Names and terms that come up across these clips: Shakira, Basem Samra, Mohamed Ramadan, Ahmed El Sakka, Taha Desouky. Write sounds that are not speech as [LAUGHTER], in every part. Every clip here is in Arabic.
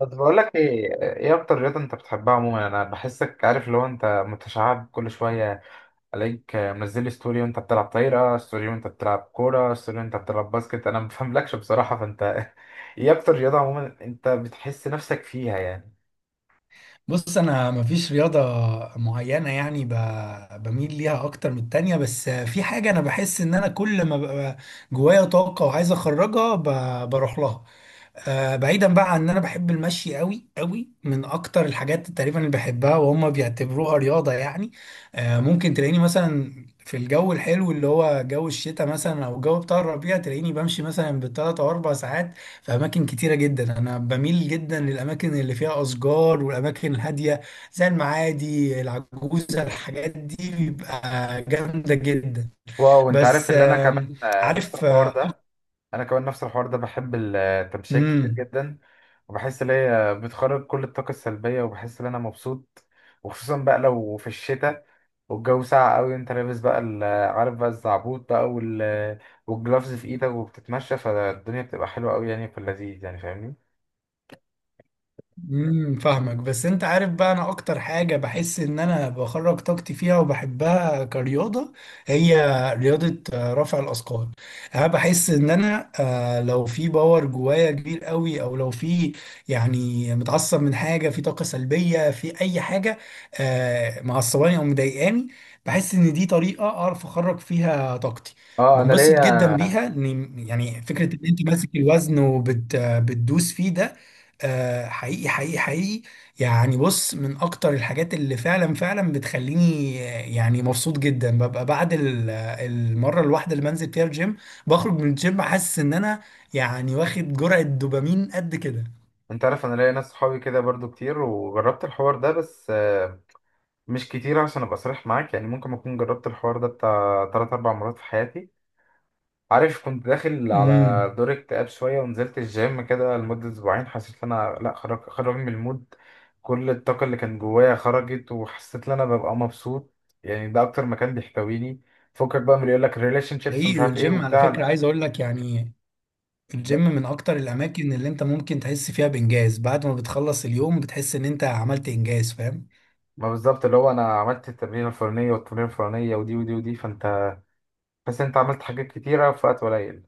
بس بقول لك ايه اكتر رياضه انت بتحبها عموما؟ انا بحسك عارف، لو انت متشعب كل شويه عليك منزل لي ستوري وانت بتلعب طايره، ستوري وانت بتلعب كوره، ستوري وانت بتلعب باسكت، انا ما بفهملكش بصراحه. فانت [LAUGHS] ايه اكتر رياضه عموما انت بتحس نفسك فيها يعني؟ بص، انا مفيش رياضه معينه يعني بميل ليها اكتر من التانية، بس في حاجه انا بحس ان انا كل ما ببقى جوايا طاقه وعايز اخرجها بروح لها. بعيدا بقى عن ان انا بحب المشي قوي قوي، من اكتر الحاجات تقريبا اللي بحبها وهم بيعتبروها رياضه يعني. ممكن تلاقيني مثلا في الجو الحلو اللي هو جو الشتاء مثلا او الجو بتاع الربيع، تلاقيني بمشي مثلا بالثلاث او اربع ساعات في أماكن كتيرة جدا. أنا بميل جدا للأماكن اللي فيها أشجار والأماكن الهادية، زي المعادي العجوزة، الحاجات دي بيبقى جامدة جدا. واو، انت عارف بس اللي انا كمان نفس عارف الحوار ده. انا كمان نفس الحوار ده، بحب التمشية كتير مم. جدا، وبحس ان هي بتخرج كل الطاقه السلبيه وبحس ان انا مبسوط. وخصوصا بقى لو في الشتاء والجو ساقع قوي، انت لابس بقى عارف بقى الزعبوط بقى والجلافز في ايدك وبتتمشى، فالدنيا بتبقى حلوة قوي يعني، في اللذيذ يعني، فاهمني. امم، فاهمك، بس انت عارف بقى انا اكتر حاجة بحس ان انا بخرج طاقتي فيها وبحبها كرياضة، هي رياضة رفع الاثقال. انا بحس ان انا، لو في باور جوايا كبير قوي، او لو في يعني متعصب من حاجة، في طاقة سلبية في اي حاجة، معصباني او مضايقاني، بحس ان دي طريقة اعرف اخرج فيها طاقتي. اه انا بنبسط جدا ليا. بيها، يعني فكرة ان انت ماسك الوزن وبتدوس فيه ده، آه، حقيقي حقيقي حقيقي. يعني بص، من اكتر الحاجات اللي فعلا فعلا بتخليني يعني مبسوط جدا ببقى بعد المره الواحده اللي بنزل فيها الجيم، بخرج من الجيم حاسس ان انا يعني واخد جرعه دوبامين قد كده. انت عارف، انا ليا ناس صحابي كده برضو كتير وجربت الحوار ده، بس مش كتير عشان ابقى صريح معاك. يعني ممكن اكون جربت الحوار ده بتاع 3 4 مرات في حياتي. عارف، كنت داخل على امم. دور اكتئاب شوية ونزلت الجيم كده لمدة أسبوعين، حسيت إن أنا لأ، خرج من المود. كل الطاقة اللي كانت جوايا خرجت، وحسيت إن أنا ببقى مبسوط، يعني ده أكتر مكان بيحتويني. فكك بقى من اللي يقولك ريليشن شيبس ومش حقيقي، عارف إيه والجيم على وبتاع، فكره، لأ. عايز اقول لك يعني ب- الجيم من اكتر الاماكن اللي انت ممكن تحس فيها بانجاز. بعد ما بتخلص اليوم بتحس ان انت عملت انجاز، فاهم؟ ما بالظبط، اللي هو أنا عملت التمرين الفلانية والتمرين الفلانية ودي ودي، فأنت بس أنت عملت حاجات كتيرة في وقت قليل.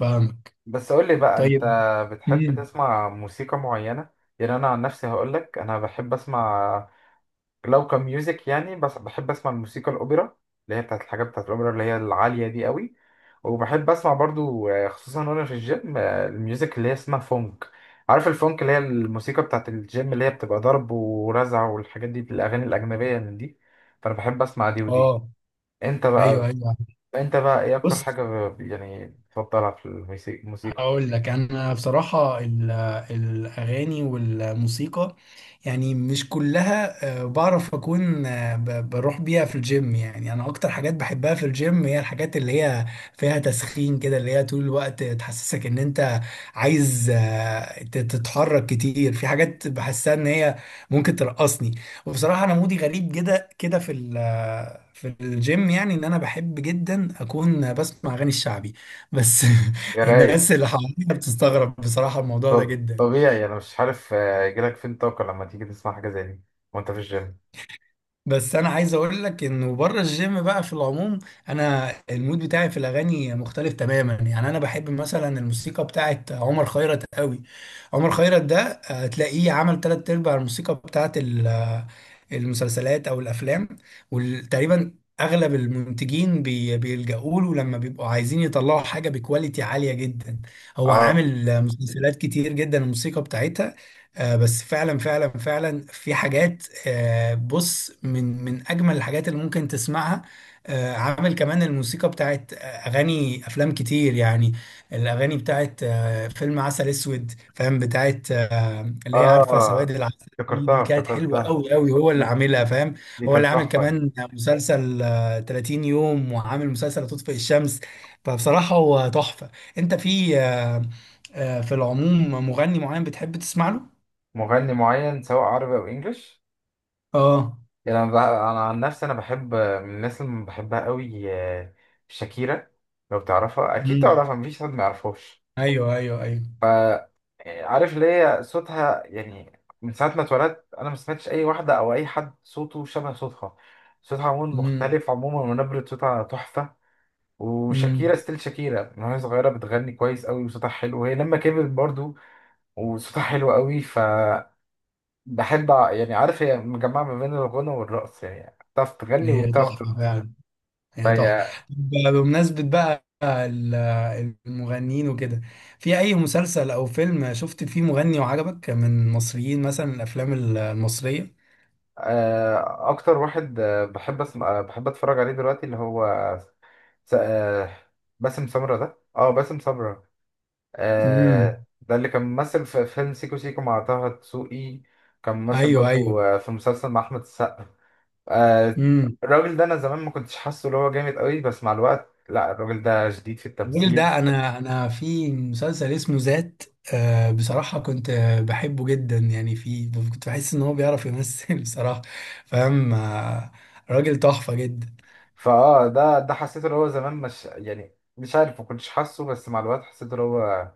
فاهمك. بس قولي بقى، أنت طيب. بتحب امم. تسمع موسيقى معينة؟ يعني أنا عن نفسي هقولك، أنا بحب أسمع، لو كميوزك يعني، بس بحب اسمع الموسيقى الاوبرا، اللي هي بتاعت الحاجات بتاعت الاوبرا اللي هي العاليه دي قوي. وبحب اسمع برضو خصوصا وانا في الجيم، الميوزك اللي هي اسمها فونك، عارف الفونك، اللي هي الموسيقى بتاعت الجيم، اللي هي بتبقى ضرب ورزع والحاجات دي، الاغاني الاجنبيه من دي. فانا بحب اسمع دي ودي. اه. انت ايوه بقى، ايوه. انت بقى ايه اكتر بص، حاجه يعني بتفضلها في الموسيقى الموسيقى؟ هقول لك انا بصراحه، الاغاني والموسيقى يعني مش كلها بعرف اكون بروح بيها في الجيم. يعني انا اكتر حاجات بحبها في الجيم هي الحاجات اللي هي فيها تسخين كده، اللي هي طول الوقت تحسسك ان انت عايز تتحرك كتير، في حاجات بحسها ان هي ممكن ترقصني. وبصراحه انا مودي غريب كده كده في في الجيم، يعني ان انا بحب جدا اكون بسمع اغاني الشعبي بس. [LAUGHS] يا رايق. الناس اللي حواليا بتستغرب بصراحة الموضوع ده جدا. طبيعي، انا مش عارف يجيلك فين طاقه لما تيجي تسمع حاجه زي دي وانت في الجيم. بس أنا عايز أقول لك إنه بره الجيم بقى في العموم، أنا المود بتاعي في الأغاني مختلف تماما. يعني أنا بحب مثلا الموسيقى بتاعت عمر خيرت قوي. عمر خيرت ده تلاقيه عمل تلات أرباع الموسيقى بتاعت المسلسلات أو الأفلام. وتقريبا أغلب المنتجين بيلجأوا له لما بيبقوا عايزين يطلعوا حاجة بكواليتي عالية جدا. هو اه عامل مسلسلات كتير جدا الموسيقى بتاعتها. بس فعلا فعلا فعلا في حاجات، بص، من من اجمل الحاجات اللي ممكن تسمعها. عامل كمان الموسيقى بتاعت اغاني افلام كتير يعني. الاغاني بتاعت فيلم عسل اسود، فاهم، بتاعت اللي هي عارفه سواد آه، العسل دي، افتكرتها دي كانت حلوه افتكرتها قوي قوي، هو اللي دي، عاملها، فاهم. دي هو اللي كانت عامل تحفة. كمان مسلسل 30 يوم، وعامل مسلسل تطفئ الشمس. فبصراحه هو تحفه. انت في في العموم مغني معين بتحب تسمع له؟ مغني معين سواء عربي أو إنجليش؟ اه. يعني أنا عن نفسي أنا بحب من الناس اللي بحبها قوي، شاكيرا. لو تعرفها، أكيد امم. تعرفها، مفيش حد ما يعرفهاش. ايوه ايوه ايوه. ف آه، عارف اللي هي صوتها، يعني من ساعة ما اتولدت أنا ما سمعتش أي واحدة أو أي حد صوته شبه صوتها. صوتها عموما امم. مختلف عموما، ونبرة صوتها تحفة. امم. وشاكيرا ستيل شاكيرا، من وهي صغيرة بتغني كويس قوي وصوتها حلو، وهي لما كبرت برضو وصوتها حلو قوي. فبحب يعني عارف، هي مجمعة ما بين الغنى والرقص، يعني بتعرف تغني هي وبتعرف تحفه ترقص، فعلا. هي تحفه. فهي. بمناسبه بقى المغنيين وكده، في اي مسلسل او فيلم شفت فيه مغني وعجبك من المصريين، مثلا الافلام المصريه؟ أكتر واحد بحب أسمع، بحب أتفرج عليه دلوقتي، اللي هو س- آه، باسم سمرة. ده اه باسم سمرة. امم. ده اللي كان ممثل في فيلم سيكو سيكو مع طه دسوقي. كان ممثل ايوه برضو ايوه. في مسلسل مع أحمد السقا. آه، امم. الراجل ده أنا زمان ما كنتش حاسه اللي هو جامد قوي، بس مع الوقت لا، الراجل ده جديد في الراجل التمثيل. ده انا، في مسلسل اسمه ذات، آه، بصراحه كنت بحبه جدا يعني، في كنت بحس ان هو بيعرف يمثل. [LAUGHS] بصراحه، فاهم، آه، راجل تحفه جدا. فاه ده حسيت ان هو زمان مش، يعني مش عارف، ما كنتش حاسه، بس مع الوقت حسيت ان هو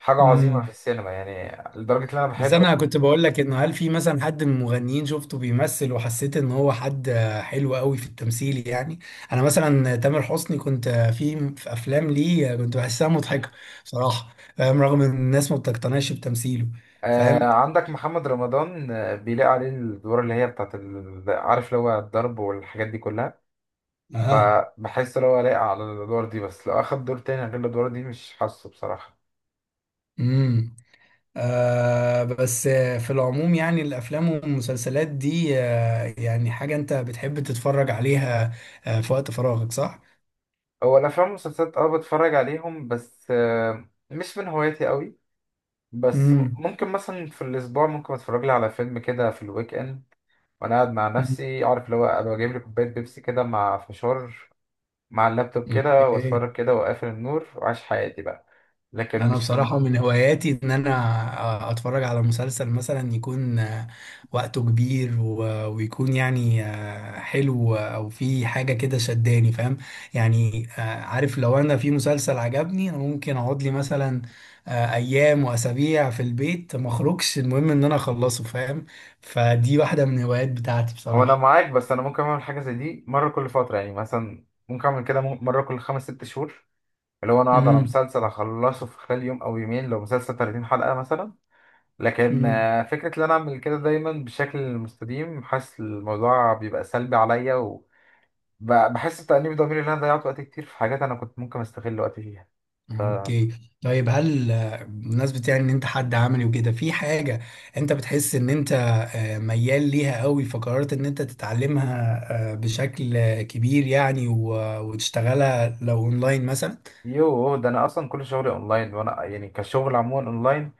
حاجه عظيمه في امم. السينما، يعني لدرجه ان انا بس بحب. انا كنت بقول لك انه، هل في مثلا حد من المغنيين شفته بيمثل وحسيت ان هو حد حلو قوي في التمثيل يعني؟ انا مثلا تامر حسني كنت في في افلام ليه كنت بحسها مضحكه بصراحه، فاهم، رغم ان الناس ما بتقتنعش بتمثيله. آه فاهم. عندك محمد رمضان، بيلاقي عليه الادوار اللي هي بتاعت عارف اللي هو الضرب والحاجات دي كلها. اه. فبحس ان هو لايق على الادوار دي، بس لو اخد دور تاني غير الادوار دي مش حاسه بصراحه. امم. آه. بس في العموم يعني الافلام والمسلسلات دي، آه، يعني حاجه انت بتحب تتفرج عليها في وقت فراغك، صح؟ هو الافلام والمسلسلات اه بتفرج عليهم، بس آه مش من هوايتي قوي. بس امم. ممكن مثلا في الاسبوع ممكن اتفرج لي على فيلم كده في الويك اند، وانا قاعد مع نفسي، عارف اللي هو ابقى جايب لي كوبايه بيبسي كده مع فشار مع اللابتوب كده، اوكي. واتفرج كده واقفل النور وعايش حياتي بقى. لكن انا مش في. بصراحة من هواياتي ان انا اتفرج على مسلسل مثلا يكون وقته كبير ويكون يعني حلو، او في حاجة كده شداني، فاهم. يعني عارف، لو انا في مسلسل عجبني، انا ممكن اقعد لي مثلا ايام واسابيع في البيت ما اخرجش، المهم ان انا اخلصه، فاهم. فدي واحدة من الهوايات بتاعتي هو انا بصراحة. معاك، بس انا ممكن اعمل حاجه زي دي مره كل فتره، يعني مثلا ممكن اعمل كده مره كل خمس ست شهور، اللي هو انا اقعد على امم. مسلسل اخلصه في خلال يوم او يومين لو مسلسل 30 حلقه مثلا. لكن امم. فكره ان انا اعمل كده دايما بشكل مستديم، حاسس الموضوع بيبقى سلبي عليا، وبحس بتأنيب ضميري ان انا ضيعت وقت كتير في حاجات انا كنت ممكن استغل وقتي فيها. اوكي. طيب، هل بمناسبة يعني ان انت حد عملي وكده، في حاجة انت بتحس ان انت ميال ليها قوي فقررت ان انت تتعلمها بشكل كبير يعني، وتشتغلها لو اونلاين مثلا؟ يوه، ده انا اصلا كل شغلي اونلاين، وانا يعني كشغل عموما اونلاين.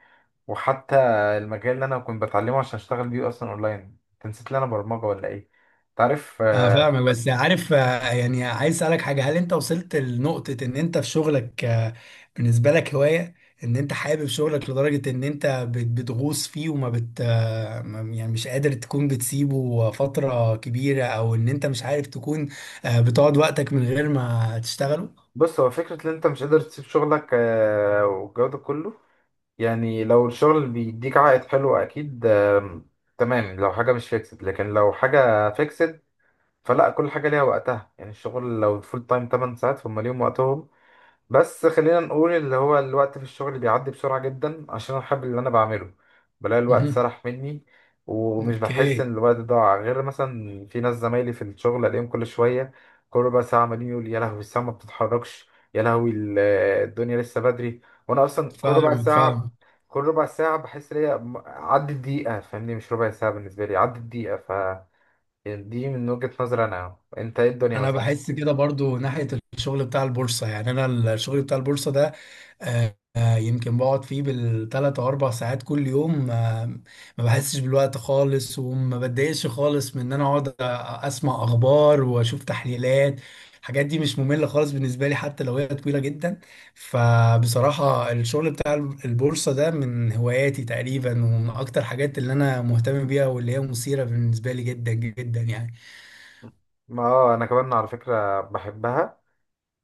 وحتى المجال اللي انا كنت بتعلمه عشان اشتغل بيه اصلا اونلاين، انت نسيت لي انا برمجه ولا ايه؟ تعرف اه، فاهمك، بس عارف يعني عايز اسالك حاجه، هل انت وصلت لنقطه ان انت في شغلك بالنسبه لك هوايه، ان انت حابب شغلك لدرجه ان انت بتغوص فيه، وما بت آه، ما- يعني مش قادر تكون بتسيبه فتره كبيره، او ان انت مش عارف تكون بتقعد وقتك من غير ما تشتغله؟ بص، هو فكره ان انت مش قادر تسيب شغلك والجو ده كله، يعني لو الشغل بيديك عائد حلو اكيد تمام، لو حاجه مش فيكسد، لكن لو حاجه فيكسد فلا، كل حاجه ليها وقتها. يعني الشغل لو فول تايم 8 ساعات فهم ليهم وقتهم. بس خلينا نقول، اللي هو الوقت في الشغل بيعدي بسرعة جدا عشان أنا بحب اللي أنا بعمله، بلاقي الوقت مهم. سرح مني، ومش بحس إن اوكي. الوقت ضاع. غير مثلا في ناس زمايلي في الشغل ألاقيهم كل شوية، كل ربع ساعة عمالين يقول: يا لهوي الساعة ما بتتحركش، يا لهوي الدنيا لسه بدري. وأنا أصلا كل ربع فاهمك ساعة، فاهمك. كل ربع ساعة بحس إن هي عدت دقيقة، فاهمني؟ مش ربع ساعة بالنسبة لي، عدت دقيقة. ف دي من وجهة نظري أنا، أنت إيه الدنيا انا مثلا؟ بحس كده برضو ناحية الشغل بتاع البورصة. يعني انا الشغل بتاع البورصة ده، يمكن بقعد فيه بالثلاث او اربع ساعات كل يوم، ما بحسش بالوقت خالص، وما بتضايقش خالص من ان انا اقعد اسمع اخبار واشوف تحليلات. الحاجات دي مش مملة خالص بالنسبة لي حتى لو هي طويلة جدا. فبصراحة الشغل بتاع البورصة ده من هواياتي تقريبا، ومن اكتر حاجات اللي انا مهتم بيها واللي هي مثيرة بالنسبة لي جدا جدا يعني. ما اه انا كمان على فكرة بحبها،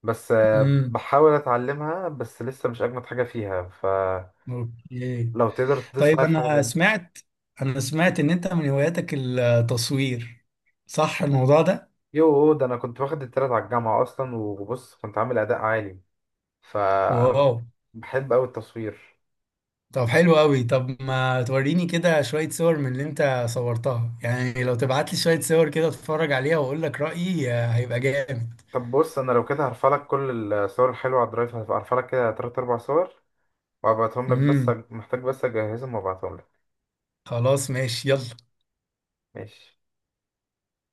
بس امم. بحاول اتعلمها بس لسه مش اجمد حاجه فيها، فلو اوكي. تقدر تدوس طيب معايا في حاجه انا تانية. سمعت، انا سمعت ان انت من هواياتك التصوير، صح الموضوع ده؟ يو، ده انا كنت واخد التلات على الجامعه اصلا، وبص كنت عامل اداء عالي. فانا بح- واو، بحب قوي التصوير. طب حلو قوي. طب ما توريني كده شوية صور من اللي انت صورتها، يعني لو تبعت لي شوية صور كده اتفرج عليها واقول لك رأيي، هيبقى جامد. طب بص، انا لو كده هرفع لك كل الصور الحلوه على الدرايف، هرفع لك كده تلات اربع صور وابعتهم لك، بس امم. محتاج بس اجهزهم وابعتهم لك. خلاص، ماشي، يلا. ماشي.